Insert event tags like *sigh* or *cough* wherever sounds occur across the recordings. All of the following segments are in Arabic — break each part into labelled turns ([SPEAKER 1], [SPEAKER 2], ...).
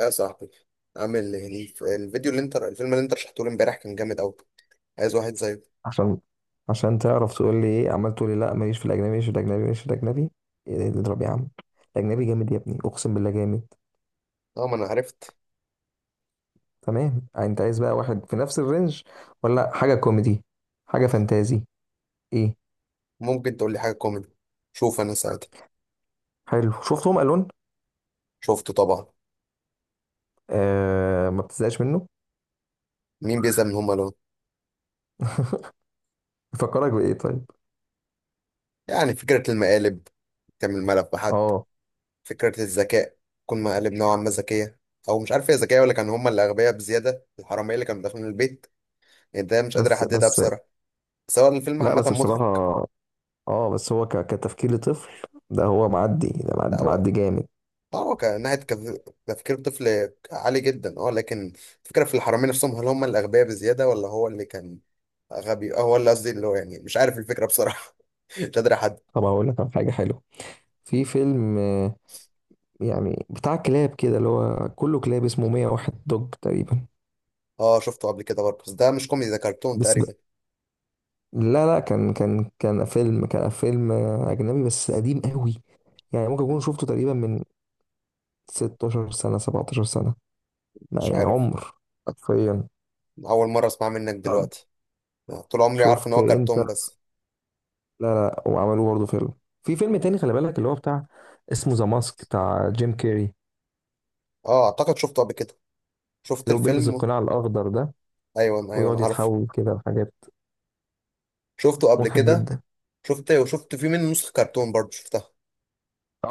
[SPEAKER 1] يا صاحبي، عامل ايه؟ الف- الفيديو اللي انت الفيلم اللي انت رشحته لي امبارح كان جامد قوي. عايز واحد زيه.
[SPEAKER 2] عشان عشان تعرف تقول لي ايه، عمال تقول لي لا ماليش في الاجنبي، ماليش في الاجنبي، ماليش في الاجنبي. إيه ده؟ اضرب يا عم. الاجنبي جامد يا ابني، اقسم بالله جامد.
[SPEAKER 1] اه، ما انا عرفت.
[SPEAKER 2] تمام، انت عايز بقى واحد في نفس الرينج ولا حاجه كوميدي، حاجه فانتازي، ايه؟
[SPEAKER 1] ممكن تقول لي حاجه كوميدي؟ شوف انا ساعتها.
[SPEAKER 2] حلو، شفتهم الون.
[SPEAKER 1] شفته طبعا.
[SPEAKER 2] آه، ما بتزهقش منه.
[SPEAKER 1] مين بيزهق من هما لون؟
[SPEAKER 2] *laughs* بيفكرك بايه طيب؟
[SPEAKER 1] يعني فكره المقالب. تعمل ملف بحد.
[SPEAKER 2] اه
[SPEAKER 1] فكره الذكاء. تكون مقالب نوعا ما ذكيه. او مش عارف هي ذكيه ولا كان هما اللي اغبياء بزياده، الحراميه اللي كانوا داخلين البيت. يعني ده مش قادر
[SPEAKER 2] بس
[SPEAKER 1] احددها
[SPEAKER 2] بس.
[SPEAKER 1] بصراحه. بس هو الفيلم
[SPEAKER 2] لا
[SPEAKER 1] عامه
[SPEAKER 2] بس
[SPEAKER 1] مضحك.
[SPEAKER 2] بصراحه، اه بس هو كتفكير لطفل. ده هو معدي، ده
[SPEAKER 1] لا
[SPEAKER 2] معدي
[SPEAKER 1] هو.
[SPEAKER 2] معدي جامد.
[SPEAKER 1] اه هو كان ناحية تفكير طفل عالي جدا، اه لكن الفكرة في الحرامية نفسهم، هل هم الأغبياء بزيادة ولا هو اللي كان غبي. اه هو اللي قصدي اللي هو يعني مش عارف الفكرة بصراحة. *laughs* مش قادر أحد.
[SPEAKER 2] طب هقول لك على حاجه حلوه. في فيلم يعني بتاع كلاب كده، اللي هو كله كلاب، اسمه 101 دوج تقريبا.
[SPEAKER 1] اه شفته قبل كده برضه، بس ده مش كوميدي، ده كرتون
[SPEAKER 2] بس ب...
[SPEAKER 1] تقريبا.
[SPEAKER 2] لا لا، كان فيلم أجنبي بس قديم قوي. يعني ممكن أكون شفته تقريبا من 16 سنة، 17 سنة. لا
[SPEAKER 1] مش
[SPEAKER 2] يعني
[SPEAKER 1] عارف.
[SPEAKER 2] عمر حرفيا.
[SPEAKER 1] أول مرة أسمع منك
[SPEAKER 2] طب
[SPEAKER 1] دلوقتي. آه، طول عمري عارف إن
[SPEAKER 2] شفت
[SPEAKER 1] هو
[SPEAKER 2] أنت؟
[SPEAKER 1] كرتون بس.
[SPEAKER 2] لا لا، وعملوه برضه فيلم. في فيلم تاني خلي بالك، اللي هو بتاع، اسمه ذا ماسك بتاع جيم كيري،
[SPEAKER 1] اه، أعتقد شفته قبل كده. شفت
[SPEAKER 2] اللي هو بيلبس
[SPEAKER 1] الفيلم.
[SPEAKER 2] القناع الأخضر ده،
[SPEAKER 1] أيوه، أيوه، أنا
[SPEAKER 2] ويقعد
[SPEAKER 1] عارفه.
[SPEAKER 2] يتحول كده لحاجات،
[SPEAKER 1] شفته قبل
[SPEAKER 2] مضحك
[SPEAKER 1] كده.
[SPEAKER 2] جدا.
[SPEAKER 1] شفت وشفت فيه منه نسخة كرتون برضه شفتها.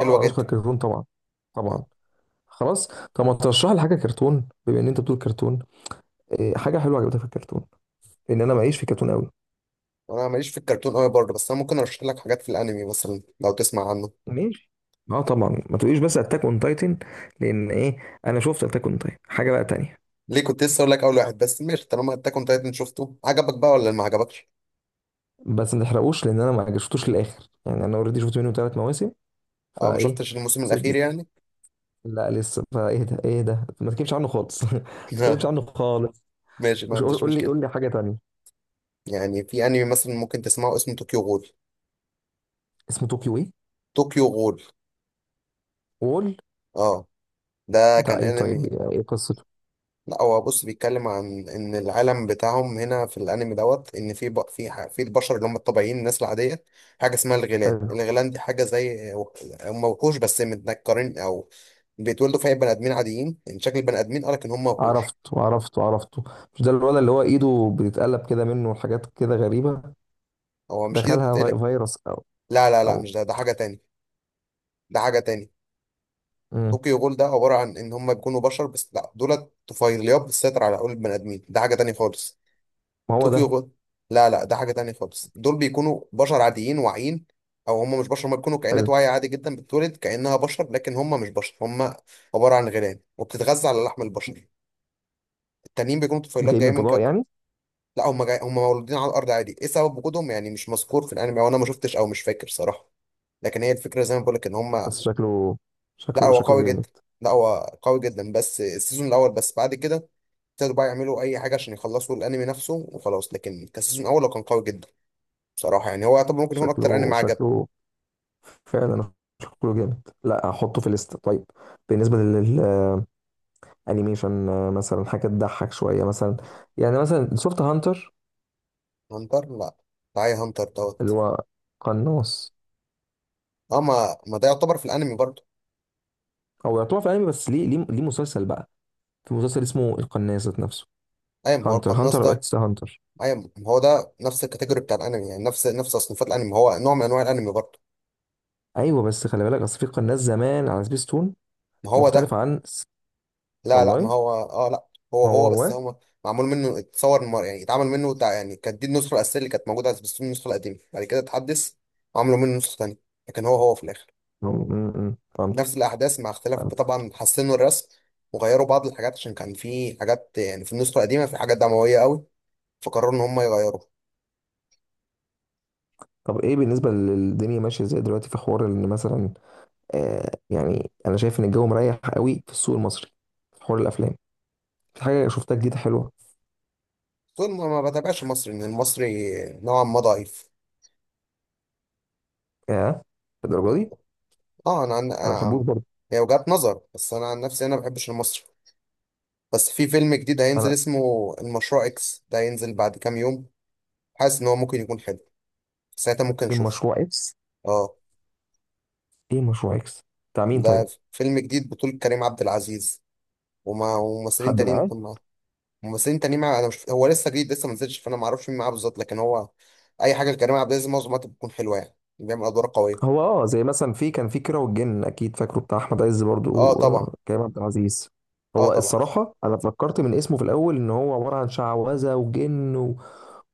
[SPEAKER 1] حلوة
[SPEAKER 2] نسخة
[SPEAKER 1] جدا.
[SPEAKER 2] كرتون طبعا. طبعا. خلاص. طب ما ترشح لي حاجه كرتون بما ان انت بتقول كرتون. إيه حاجه حلوه عجبتك في الكرتون؟ لان انا
[SPEAKER 1] اه.
[SPEAKER 2] معيش في كرتون قوي.
[SPEAKER 1] انا ماليش في الكرتون قوي برضه، بس انا ممكن ارشح لك حاجات في الانمي مثلا لو تسمع عنه.
[SPEAKER 2] ماشي. اه طبعا، ما تقوليش بس اتاك اون تايتن، لان ايه، انا شفت اتاك اون تايتن. حاجه بقى تانية.
[SPEAKER 1] ليه، كنت لسه اقول لك اول واحد، بس ماشي، طالما اتاك اون تايتن شفته عجبك بقى ولا ما عجبكش؟
[SPEAKER 2] بس ما تحرقوش، لان انا ما شفتوش للاخر. يعني انا اوريدي شفت منه ثلاث مواسم
[SPEAKER 1] او ما
[SPEAKER 2] فايه.
[SPEAKER 1] شفتش الموسم
[SPEAKER 2] سيبني،
[SPEAKER 1] الاخير يعني؟
[SPEAKER 2] لا لسه فايه ده، ايه ده، ما تكلمش عنه خالص. *laughs* ما تكلمش
[SPEAKER 1] *laughs*
[SPEAKER 2] عنه خالص.
[SPEAKER 1] ماشي، ما
[SPEAKER 2] قول،
[SPEAKER 1] عنديش
[SPEAKER 2] قول لي
[SPEAKER 1] مشكله.
[SPEAKER 2] قول لي حاجه تانية.
[SPEAKER 1] يعني في انمي مثلا ممكن تسمعه اسمه طوكيو غول.
[SPEAKER 2] اسمه طوكيو ايه؟
[SPEAKER 1] طوكيو غول،
[SPEAKER 2] وول؟
[SPEAKER 1] اه ده
[SPEAKER 2] بتاع
[SPEAKER 1] كان
[SPEAKER 2] ايه طيب،
[SPEAKER 1] انمي.
[SPEAKER 2] ايه قصته؟
[SPEAKER 1] لا هو بص بيتكلم عن ان العالم بتاعهم هنا في الانمي دوت ان في ب... في ح- في البشر اللي هم الطبيعيين، الناس العاديه. حاجه اسمها الغيلان،
[SPEAKER 2] حلو.
[SPEAKER 1] الغيلان دي حاجه زي، هم وحوش بس متنكرين، او بيتولدوا في بني ادمين عاديين، ان شكل البني ادمين قالك ان هم وحوش.
[SPEAKER 2] عرفته. مش ده الولد اللي هو ايده بتتقلب كده منه وحاجات كده غريبة؟
[SPEAKER 1] هو مش ايده
[SPEAKER 2] دخلها
[SPEAKER 1] بتتقلب.
[SPEAKER 2] فيروس او؟
[SPEAKER 1] لا، لا، لا،
[SPEAKER 2] او؟
[SPEAKER 1] مش ده، ده حاجه تاني. ده حاجه تاني.
[SPEAKER 2] مم.
[SPEAKER 1] طوكيو جول ده عباره عن ان هم بيكونوا بشر، بس لا دولت طفيليات بتسيطر على عقول البني ادمين، ده حاجه تاني خالص.
[SPEAKER 2] ما هو
[SPEAKER 1] طوكيو
[SPEAKER 2] ده.
[SPEAKER 1] غول. لا، لا، ده حاجة تانية خالص، دول بيكونوا بشر عاديين واعيين. او هم مش بشر، هم بيكونوا
[SPEAKER 2] حلو.
[SPEAKER 1] كائنات واعية عادي جدا، بتتولد كأنها بشر لكن هم مش بشر، هم عبارة عن غيران وبتتغذى على لحم البشر. التانيين بيكونوا طفيلات
[SPEAKER 2] جاي من
[SPEAKER 1] جايين من
[SPEAKER 2] فضاء
[SPEAKER 1] كوكب.
[SPEAKER 2] يعني؟
[SPEAKER 1] لا، هم هم مولودين على الارض عادي، ايه سبب وجودهم يعني مش مذكور في الانمي، او انا ما شفتش، او مش فاكر صراحة. لكن هي الفكرة زي ما بقول لك ان هم.
[SPEAKER 2] بس شكله،
[SPEAKER 1] لا
[SPEAKER 2] شكله
[SPEAKER 1] هو
[SPEAKER 2] شكله
[SPEAKER 1] قوي
[SPEAKER 2] جامد.
[SPEAKER 1] جدا. لا هو قوي جدا بس السيزون الاول، بس بعد كده ابتدوا بقى يعملوا اي حاجة عشان يخلصوا الانمي نفسه وخلاص، لكن كان السيزون الاول هو كان قوي جدا. بصراحة يعني هو يعتبر ممكن يكون أكتر
[SPEAKER 2] شكله،
[SPEAKER 1] أنمي عجب.
[SPEAKER 2] شكله فعلا، شكله جامد. لا هحطه في الليست طيب. بالنسبة للانيميشن، آه، مثلا حاجة تضحك شوية مثلا. يعني مثلا شفت هانتر،
[SPEAKER 1] هانتر لا. تعالى هانتر
[SPEAKER 2] اللي
[SPEAKER 1] دوت.
[SPEAKER 2] هو قناص؟
[SPEAKER 1] أه، ما ده يعتبر في الأنمي برضه.
[SPEAKER 2] هو يعتبر في انمي بس ليه ليه مسلسل بقى. في مسلسل اسمه القناص ذات نفسه،
[SPEAKER 1] أيوة ما هو
[SPEAKER 2] هانتر
[SPEAKER 1] القناص
[SPEAKER 2] هانتر او
[SPEAKER 1] ده.
[SPEAKER 2] اكس هانتر.
[SPEAKER 1] أيوة، ما هو ده نفس الكاتيجوري بتاع الأنمي، يعني نفس تصنيفات الأنمي، ما هو نوع من أنواع الأنمي برضه.
[SPEAKER 2] ايوه بس خلي بالك، اصل في قناه زمان على سبيس تون
[SPEAKER 1] ما هو ده.
[SPEAKER 2] مختلف عن
[SPEAKER 1] لا، لا، ما
[SPEAKER 2] والله
[SPEAKER 1] هو أه لا. هو
[SPEAKER 2] هو
[SPEAKER 1] هو، بس
[SPEAKER 2] هو.
[SPEAKER 1] هو معمول منه يعني يعني كانت دي النسخة الأساسية اللي كانت موجودة على سبيستون، النسخة القديمة بعد كده اتحدث. وعملوا منه نسخة تانية. لكن هو هو في الآخر
[SPEAKER 2] فهمتك.
[SPEAKER 1] نفس الأحداث مع اختلاف،
[SPEAKER 2] فهمتك.
[SPEAKER 1] طبعا حسنوا الرسم وغيروا بعض الحاجات عشان كان في حاجات، يعني في النسخة القديمة في حاجات دموية قوي. فقرروا إن هم يغيروا.
[SPEAKER 2] طب ايه بالنسبه للدنيا ماشيه ازاي دلوقتي؟ في حوار ان مثلا، آه يعني انا شايف ان الجو مريح قوي في السوق المصري، في حوار الافلام، في حاجه شفتها جديده حلوه؟
[SPEAKER 1] طول ما ما بتابعش المصري، إن المصري نوعا ما ضعيف.
[SPEAKER 2] ياه، الدرجه دي؟
[SPEAKER 1] اه، أنا
[SPEAKER 2] انا بحبوش
[SPEAKER 1] عن-.
[SPEAKER 2] برضه
[SPEAKER 1] هي وجهات نظر، بس أنا عن نفسي أنا ما بحبش المصري. بس في فيلم جديد هينزل
[SPEAKER 2] انا.
[SPEAKER 1] اسمه المشروع إكس، ده هينزل بعد كام يوم. حاسس إن هو ممكن يكون حلو. ساعتها ممكن
[SPEAKER 2] فين
[SPEAKER 1] أشوفه.
[SPEAKER 2] مشروع اكس؟
[SPEAKER 1] اه،
[SPEAKER 2] ايه مشروع اكس؟ بتاع مين
[SPEAKER 1] ده
[SPEAKER 2] طيب؟
[SPEAKER 1] فيلم جديد بطولة كريم عبد العزيز وممثلين
[SPEAKER 2] حد
[SPEAKER 1] تانيين.
[SPEAKER 2] معاه؟
[SPEAKER 1] بس انت ليه انا مش، هو لسه جديد، لسه ما نزلش، فانا ما اعرفش مين معاه بالظبط، لكن هو اي حاجه لكريم عبد العزيز معظم الوقت بتكون حلوه، يعني بيعمل ادوار قويه.
[SPEAKER 2] هو اه زي مثلا، في كان في كيرة والجن، اكيد فاكره، بتاع احمد عز برضو
[SPEAKER 1] اه طبعا.
[SPEAKER 2] وكريم عبد العزيز.
[SPEAKER 1] اه
[SPEAKER 2] هو
[SPEAKER 1] طبعا.
[SPEAKER 2] الصراحه انا فكرت من اسمه في الاول ان هو عباره عن شعوذه وجن و...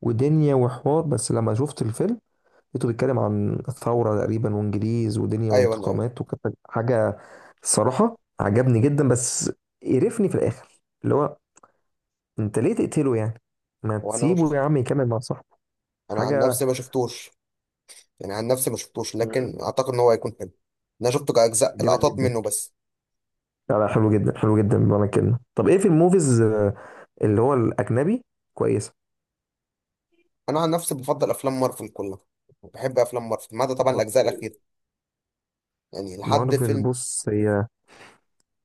[SPEAKER 2] ودنيا وحوار، بس لما شفت الفيلم لقيته بيتكلم عن الثوره تقريبا، وانجليز ودنيا
[SPEAKER 1] ايوه، انا ايوه.
[SPEAKER 2] وانتقامات، وكانت حاجه. الصراحه عجبني جدا، بس قرفني في الاخر، اللي هو انت ليه تقتله يعني؟ ما
[SPEAKER 1] وانا ما
[SPEAKER 2] تسيبه
[SPEAKER 1] شفت.
[SPEAKER 2] يا عم يكمل مع صاحبه.
[SPEAKER 1] انا عن نفسي
[SPEAKER 2] حاجه.
[SPEAKER 1] ما شفتوش. يعني عن نفسي ما شفتوش،
[SPEAKER 2] مم.
[SPEAKER 1] لكن اعتقد ان هو هيكون حلو. انا شفته كاجزاء،
[SPEAKER 2] جامد
[SPEAKER 1] لقطات
[SPEAKER 2] جدا.
[SPEAKER 1] منه بس.
[SPEAKER 2] لا لا، حلو جدا، حلو جدا بمعنى الكلمة. طب ايه في الموفيز، آه، اللي هو الأجنبي، كويسة؟
[SPEAKER 1] انا عن نفسي بفضل افلام مارفل كلها. بحب افلام مارفل ما عدا طبعا الاجزاء الاخيره. يعني لحد
[SPEAKER 2] مارفل
[SPEAKER 1] فيلم.
[SPEAKER 2] بص هي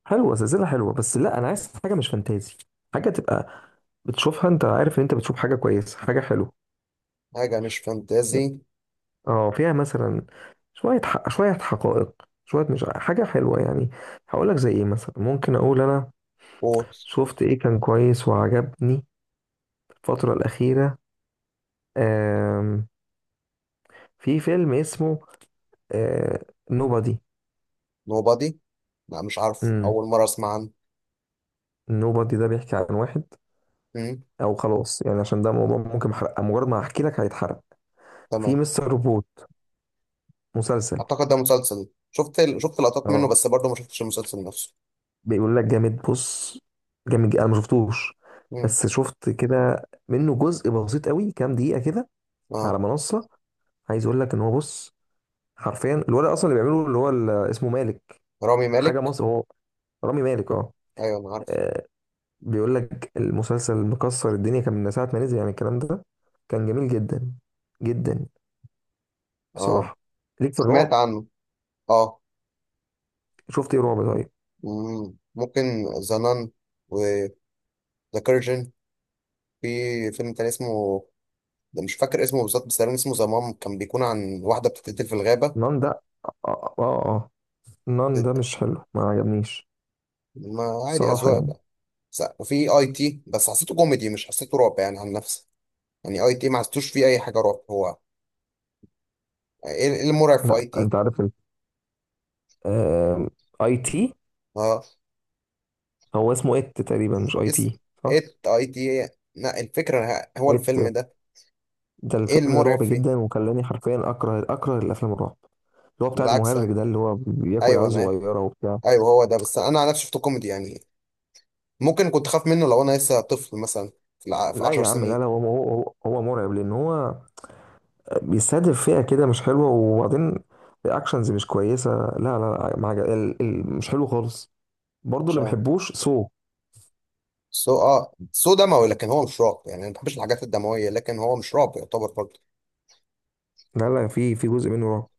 [SPEAKER 2] حلوة، سلسلة حلوة، بس لا، أنا عايز حاجة مش فانتازي. حاجة تبقى بتشوفها، أنت عارف إن أنت بتشوف حاجة كويسة، حاجة حلوة.
[SPEAKER 1] حاجه مش فانتازي.
[SPEAKER 2] اه فيها مثلا شوية حق، شوية حقائق، شوية مش حاجة حلوة يعني. هقول لك زي إيه مثلا، ممكن أقول أنا
[SPEAKER 1] وول.
[SPEAKER 2] شفت إيه كان كويس وعجبني الفترة الأخيرة. آم، في فيلم اسمه نوبادي.
[SPEAKER 1] نوبادي. لا مش عارف، اول مره اسمع عنه.
[SPEAKER 2] نوبادي ده بيحكي عن واحد،
[SPEAKER 1] مم،
[SPEAKER 2] او خلاص يعني، عشان ده موضوع ممكن محرق، مجرد ما هحكي لك هيتحرق. في
[SPEAKER 1] تمام.
[SPEAKER 2] مستر روبوت، مسلسل.
[SPEAKER 1] اعتقد ده مسلسل، شفت لقطات منه
[SPEAKER 2] اه
[SPEAKER 1] بس برضه، ما شفتش المسلسل نفسه.
[SPEAKER 2] بيقول لك جامد، بص جامد جدا. انا ما شفتوش،
[SPEAKER 1] مم.
[SPEAKER 2] بس شفت كده منه جزء بسيط قوي، كام دقيقة كده،
[SPEAKER 1] اه،
[SPEAKER 2] على منصة. عايز اقول لك ان هو بص، حرفيا الولد اصلا اللي بيعمله، اللي هو اسمه مالك،
[SPEAKER 1] رامي
[SPEAKER 2] حاجة
[SPEAKER 1] مالك.
[SPEAKER 2] مصر هو، رامي مالك اه.
[SPEAKER 1] ايوه انا عارف.
[SPEAKER 2] آه، بيقول لك المسلسل مكسر الدنيا كان من ساعة ما نزل، يعني الكلام ده كان جميل جدا جدا
[SPEAKER 1] اه.
[SPEAKER 2] بصراحة. ليك في
[SPEAKER 1] سمعت
[SPEAKER 2] الرعب؟
[SPEAKER 1] عنه. اه.
[SPEAKER 2] شفت ايه رعب طيب؟
[SPEAKER 1] مم. ممكن. زنان. وذا. كيرجن. في فيلم تاني اسمه، ده مش فاكر اسمه بالظبط، بس تقريبا اسمه زمام، كان بيكون عن واحدة بتتقتل في الغابة.
[SPEAKER 2] نان ده اه اه آه. آه. نان ده مش حلو، ما عجبنيش
[SPEAKER 1] ما عادي،
[SPEAKER 2] صراحة
[SPEAKER 1] أذواق
[SPEAKER 2] يعني.
[SPEAKER 1] بقى. وفي اي تي بس حسيته كوميدي، مش حسيته رعب، يعني عن نفسي. يعني اي تي ما حسيتوش فيه اي حاجة رعب، هو ايه؟ إيه المرعب في
[SPEAKER 2] لا
[SPEAKER 1] اي تي؟
[SPEAKER 2] انت عارف ال، آم، اي تي.
[SPEAKER 1] آه.
[SPEAKER 2] هو اسمه ات تقريبا، مش اي
[SPEAKER 1] اس.
[SPEAKER 2] تي. صح،
[SPEAKER 1] ات اي تي. لا، الفكرة هو
[SPEAKER 2] ات.
[SPEAKER 1] الفيلم ده.
[SPEAKER 2] ده
[SPEAKER 1] ايه
[SPEAKER 2] الفيلم ده
[SPEAKER 1] المرعب
[SPEAKER 2] رعب
[SPEAKER 1] فيه؟
[SPEAKER 2] جدا، وخلاني حرفيا اكره، اكره الافلام الرعب، اللي هو بتاع
[SPEAKER 1] بالعكس.
[SPEAKER 2] المهرج ده اللي هو بياكل
[SPEAKER 1] ايوه
[SPEAKER 2] عيال
[SPEAKER 1] انا.
[SPEAKER 2] صغيرة وبتاع.
[SPEAKER 1] ايوه هو ده، بس انا على نفسي شفته كوميدي يعني. ممكن كنت خاف منه لو انا لسه طفل مثلا، في
[SPEAKER 2] لا
[SPEAKER 1] 10
[SPEAKER 2] يا عم، لا
[SPEAKER 1] سنين.
[SPEAKER 2] لا، هو مرعب، لان هو بيستهدف فئة كده مش حلوة، وبعدين الرياكشنز مش كويسة. لا لا, لا ما مش حلو خالص. برضه
[SPEAKER 1] مش
[SPEAKER 2] اللي ما
[SPEAKER 1] عارف.
[SPEAKER 2] بحبوش سو.
[SPEAKER 1] سو دموي، لكن هو مش رعب يعني، انا ما بحبش الحاجات الدمويه، لكن هو مش رعب يعتبر برضه.
[SPEAKER 2] لا لا، في في جزء منه رعب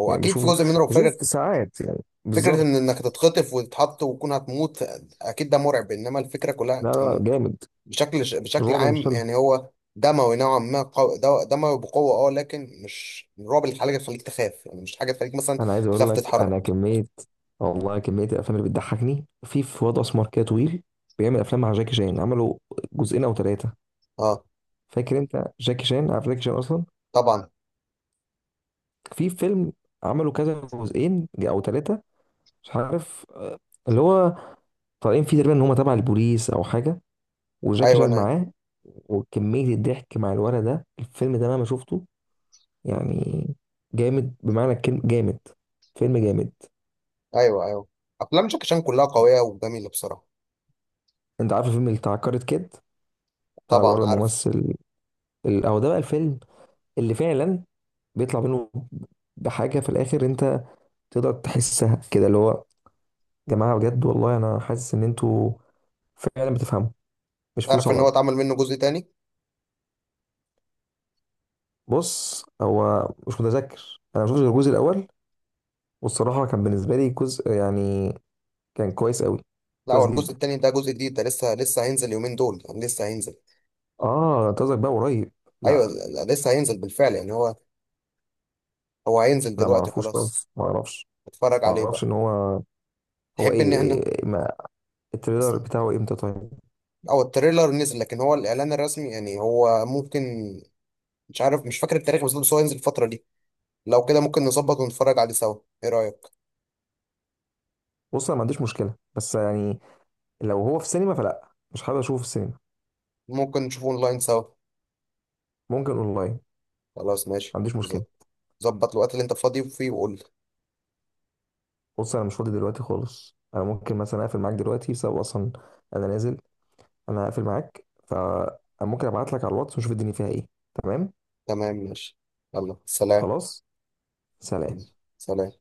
[SPEAKER 1] هو
[SPEAKER 2] يعني.
[SPEAKER 1] اكيد في
[SPEAKER 2] بشوف،
[SPEAKER 1] جزء منه رعب،
[SPEAKER 2] بشوف
[SPEAKER 1] فكره،
[SPEAKER 2] ساعات يعني.
[SPEAKER 1] فكره ان
[SPEAKER 2] بالظبط.
[SPEAKER 1] انك تتخطف وتتحط وتكون هتموت، اكيد ده مرعب، انما الفكره كلها
[SPEAKER 2] لا لا جامد.
[SPEAKER 1] بشكل
[SPEAKER 2] الرعب
[SPEAKER 1] عام
[SPEAKER 2] مش حلو.
[SPEAKER 1] يعني هو دموي نوعا ما دموي بقوة، اه لكن مش الرعب اللي حاجة تخليك تخاف يعني، مش حاجة تخليك مثلا
[SPEAKER 2] انا عايز اقول
[SPEAKER 1] تخاف
[SPEAKER 2] لك انا
[SPEAKER 1] تتحرك.
[SPEAKER 2] كميه. والله كميه الافلام اللي بتضحكني، في في واد اسمر كده طويل، بيعمل افلام مع جاكي شان، عملوا جزئين او ثلاثه.
[SPEAKER 1] اه
[SPEAKER 2] فاكر انت جاكي شان؟ عارف جاكي شان اصلا؟
[SPEAKER 1] طبعا.
[SPEAKER 2] في فيلم عملوا كذا جزئين او ثلاثه، مش عارف، آه، اللي هو طالعين فيه تقريبا ان هم تبع البوليس او حاجه، وجاكي
[SPEAKER 1] ايوه،
[SPEAKER 2] شان
[SPEAKER 1] انا
[SPEAKER 2] معاه. وكمية الضحك مع الولد ده، الفيلم ده مهما شفته يعني، جامد بمعنى الكلمة، جامد، فيلم جامد.
[SPEAKER 1] ايوه، ايوه. افلام جاكي شان كلها قوية وجميلة بصراحة.
[SPEAKER 2] انت عارف الفيلم اللي بتاع كارت كيد، بتاع الولد
[SPEAKER 1] طبعا عارف.
[SPEAKER 2] الممثل او، ده بقى الفيلم اللي فعلا بيطلع منه بحاجة في الاخر، انت تقدر تحسها كده، اللي هو يا جماعة بجد والله انا حاسس ان انتوا فعلا بتفهموا، مش فلوس
[SPEAKER 1] تعرف
[SPEAKER 2] على
[SPEAKER 1] ان هو
[SPEAKER 2] الارض.
[SPEAKER 1] اتعمل منه جزء تاني؟
[SPEAKER 2] بص هو مش متذكر، انا ما شفتش غير الجزء الاول، والصراحة كان بالنسبة لي جزء يعني كان كويس قوي.
[SPEAKER 1] لا، هو
[SPEAKER 2] كويس
[SPEAKER 1] الجزء
[SPEAKER 2] جدا.
[SPEAKER 1] التاني ده جزء جديد، ده لسه هينزل يومين دول، يعني لسه هينزل.
[SPEAKER 2] اه انتظرك بقى قريب.
[SPEAKER 1] ايوه، لا-
[SPEAKER 2] لا.
[SPEAKER 1] لا، لسه هينزل بالفعل يعني، هو هو هينزل
[SPEAKER 2] لا ما
[SPEAKER 1] دلوقتي
[SPEAKER 2] اعرفوش
[SPEAKER 1] خلاص.
[SPEAKER 2] خالص، ما اعرفش.
[SPEAKER 1] اتفرج
[SPEAKER 2] ما
[SPEAKER 1] عليه
[SPEAKER 2] اعرفش
[SPEAKER 1] بقى.
[SPEAKER 2] ان هو. هو
[SPEAKER 1] تحب
[SPEAKER 2] ايه,
[SPEAKER 1] ان احنا.
[SPEAKER 2] إيه ما التريلر بتاعه امتى طيب؟
[SPEAKER 1] او التريلر نزل، لكن هو الاعلان الرسمي يعني هو ممكن، مش عارف، مش فاكر التاريخ بالظبط، بس هو ينزل الفتره دي. لو كده ممكن نظبط ونتفرج عليه سوا. ايه رايك؟
[SPEAKER 2] بص انا ما عنديش مشكله، بس يعني لو هو في سينما فلا، مش حابب اشوفه في السينما.
[SPEAKER 1] ممكن نشوفه اونلاين سوا.
[SPEAKER 2] ممكن اونلاين، ما
[SPEAKER 1] خلاص ماشي
[SPEAKER 2] عنديش مشكله.
[SPEAKER 1] بالظبط. ظبط الوقت اللي انت فاضي فيه وقول لي.
[SPEAKER 2] بص انا مش فاضي دلوقتي خالص، انا ممكن مثلا اقفل معاك دلوقتي بسبب، اصلا انا نازل، انا هقفل معاك، فممكن ابعت لك على الواتس ونشوف الدنيا فيها ايه. تمام.
[SPEAKER 1] تمام ماشي. يلا سلام.
[SPEAKER 2] خلاص. سلام.
[SPEAKER 1] يلا، سلام.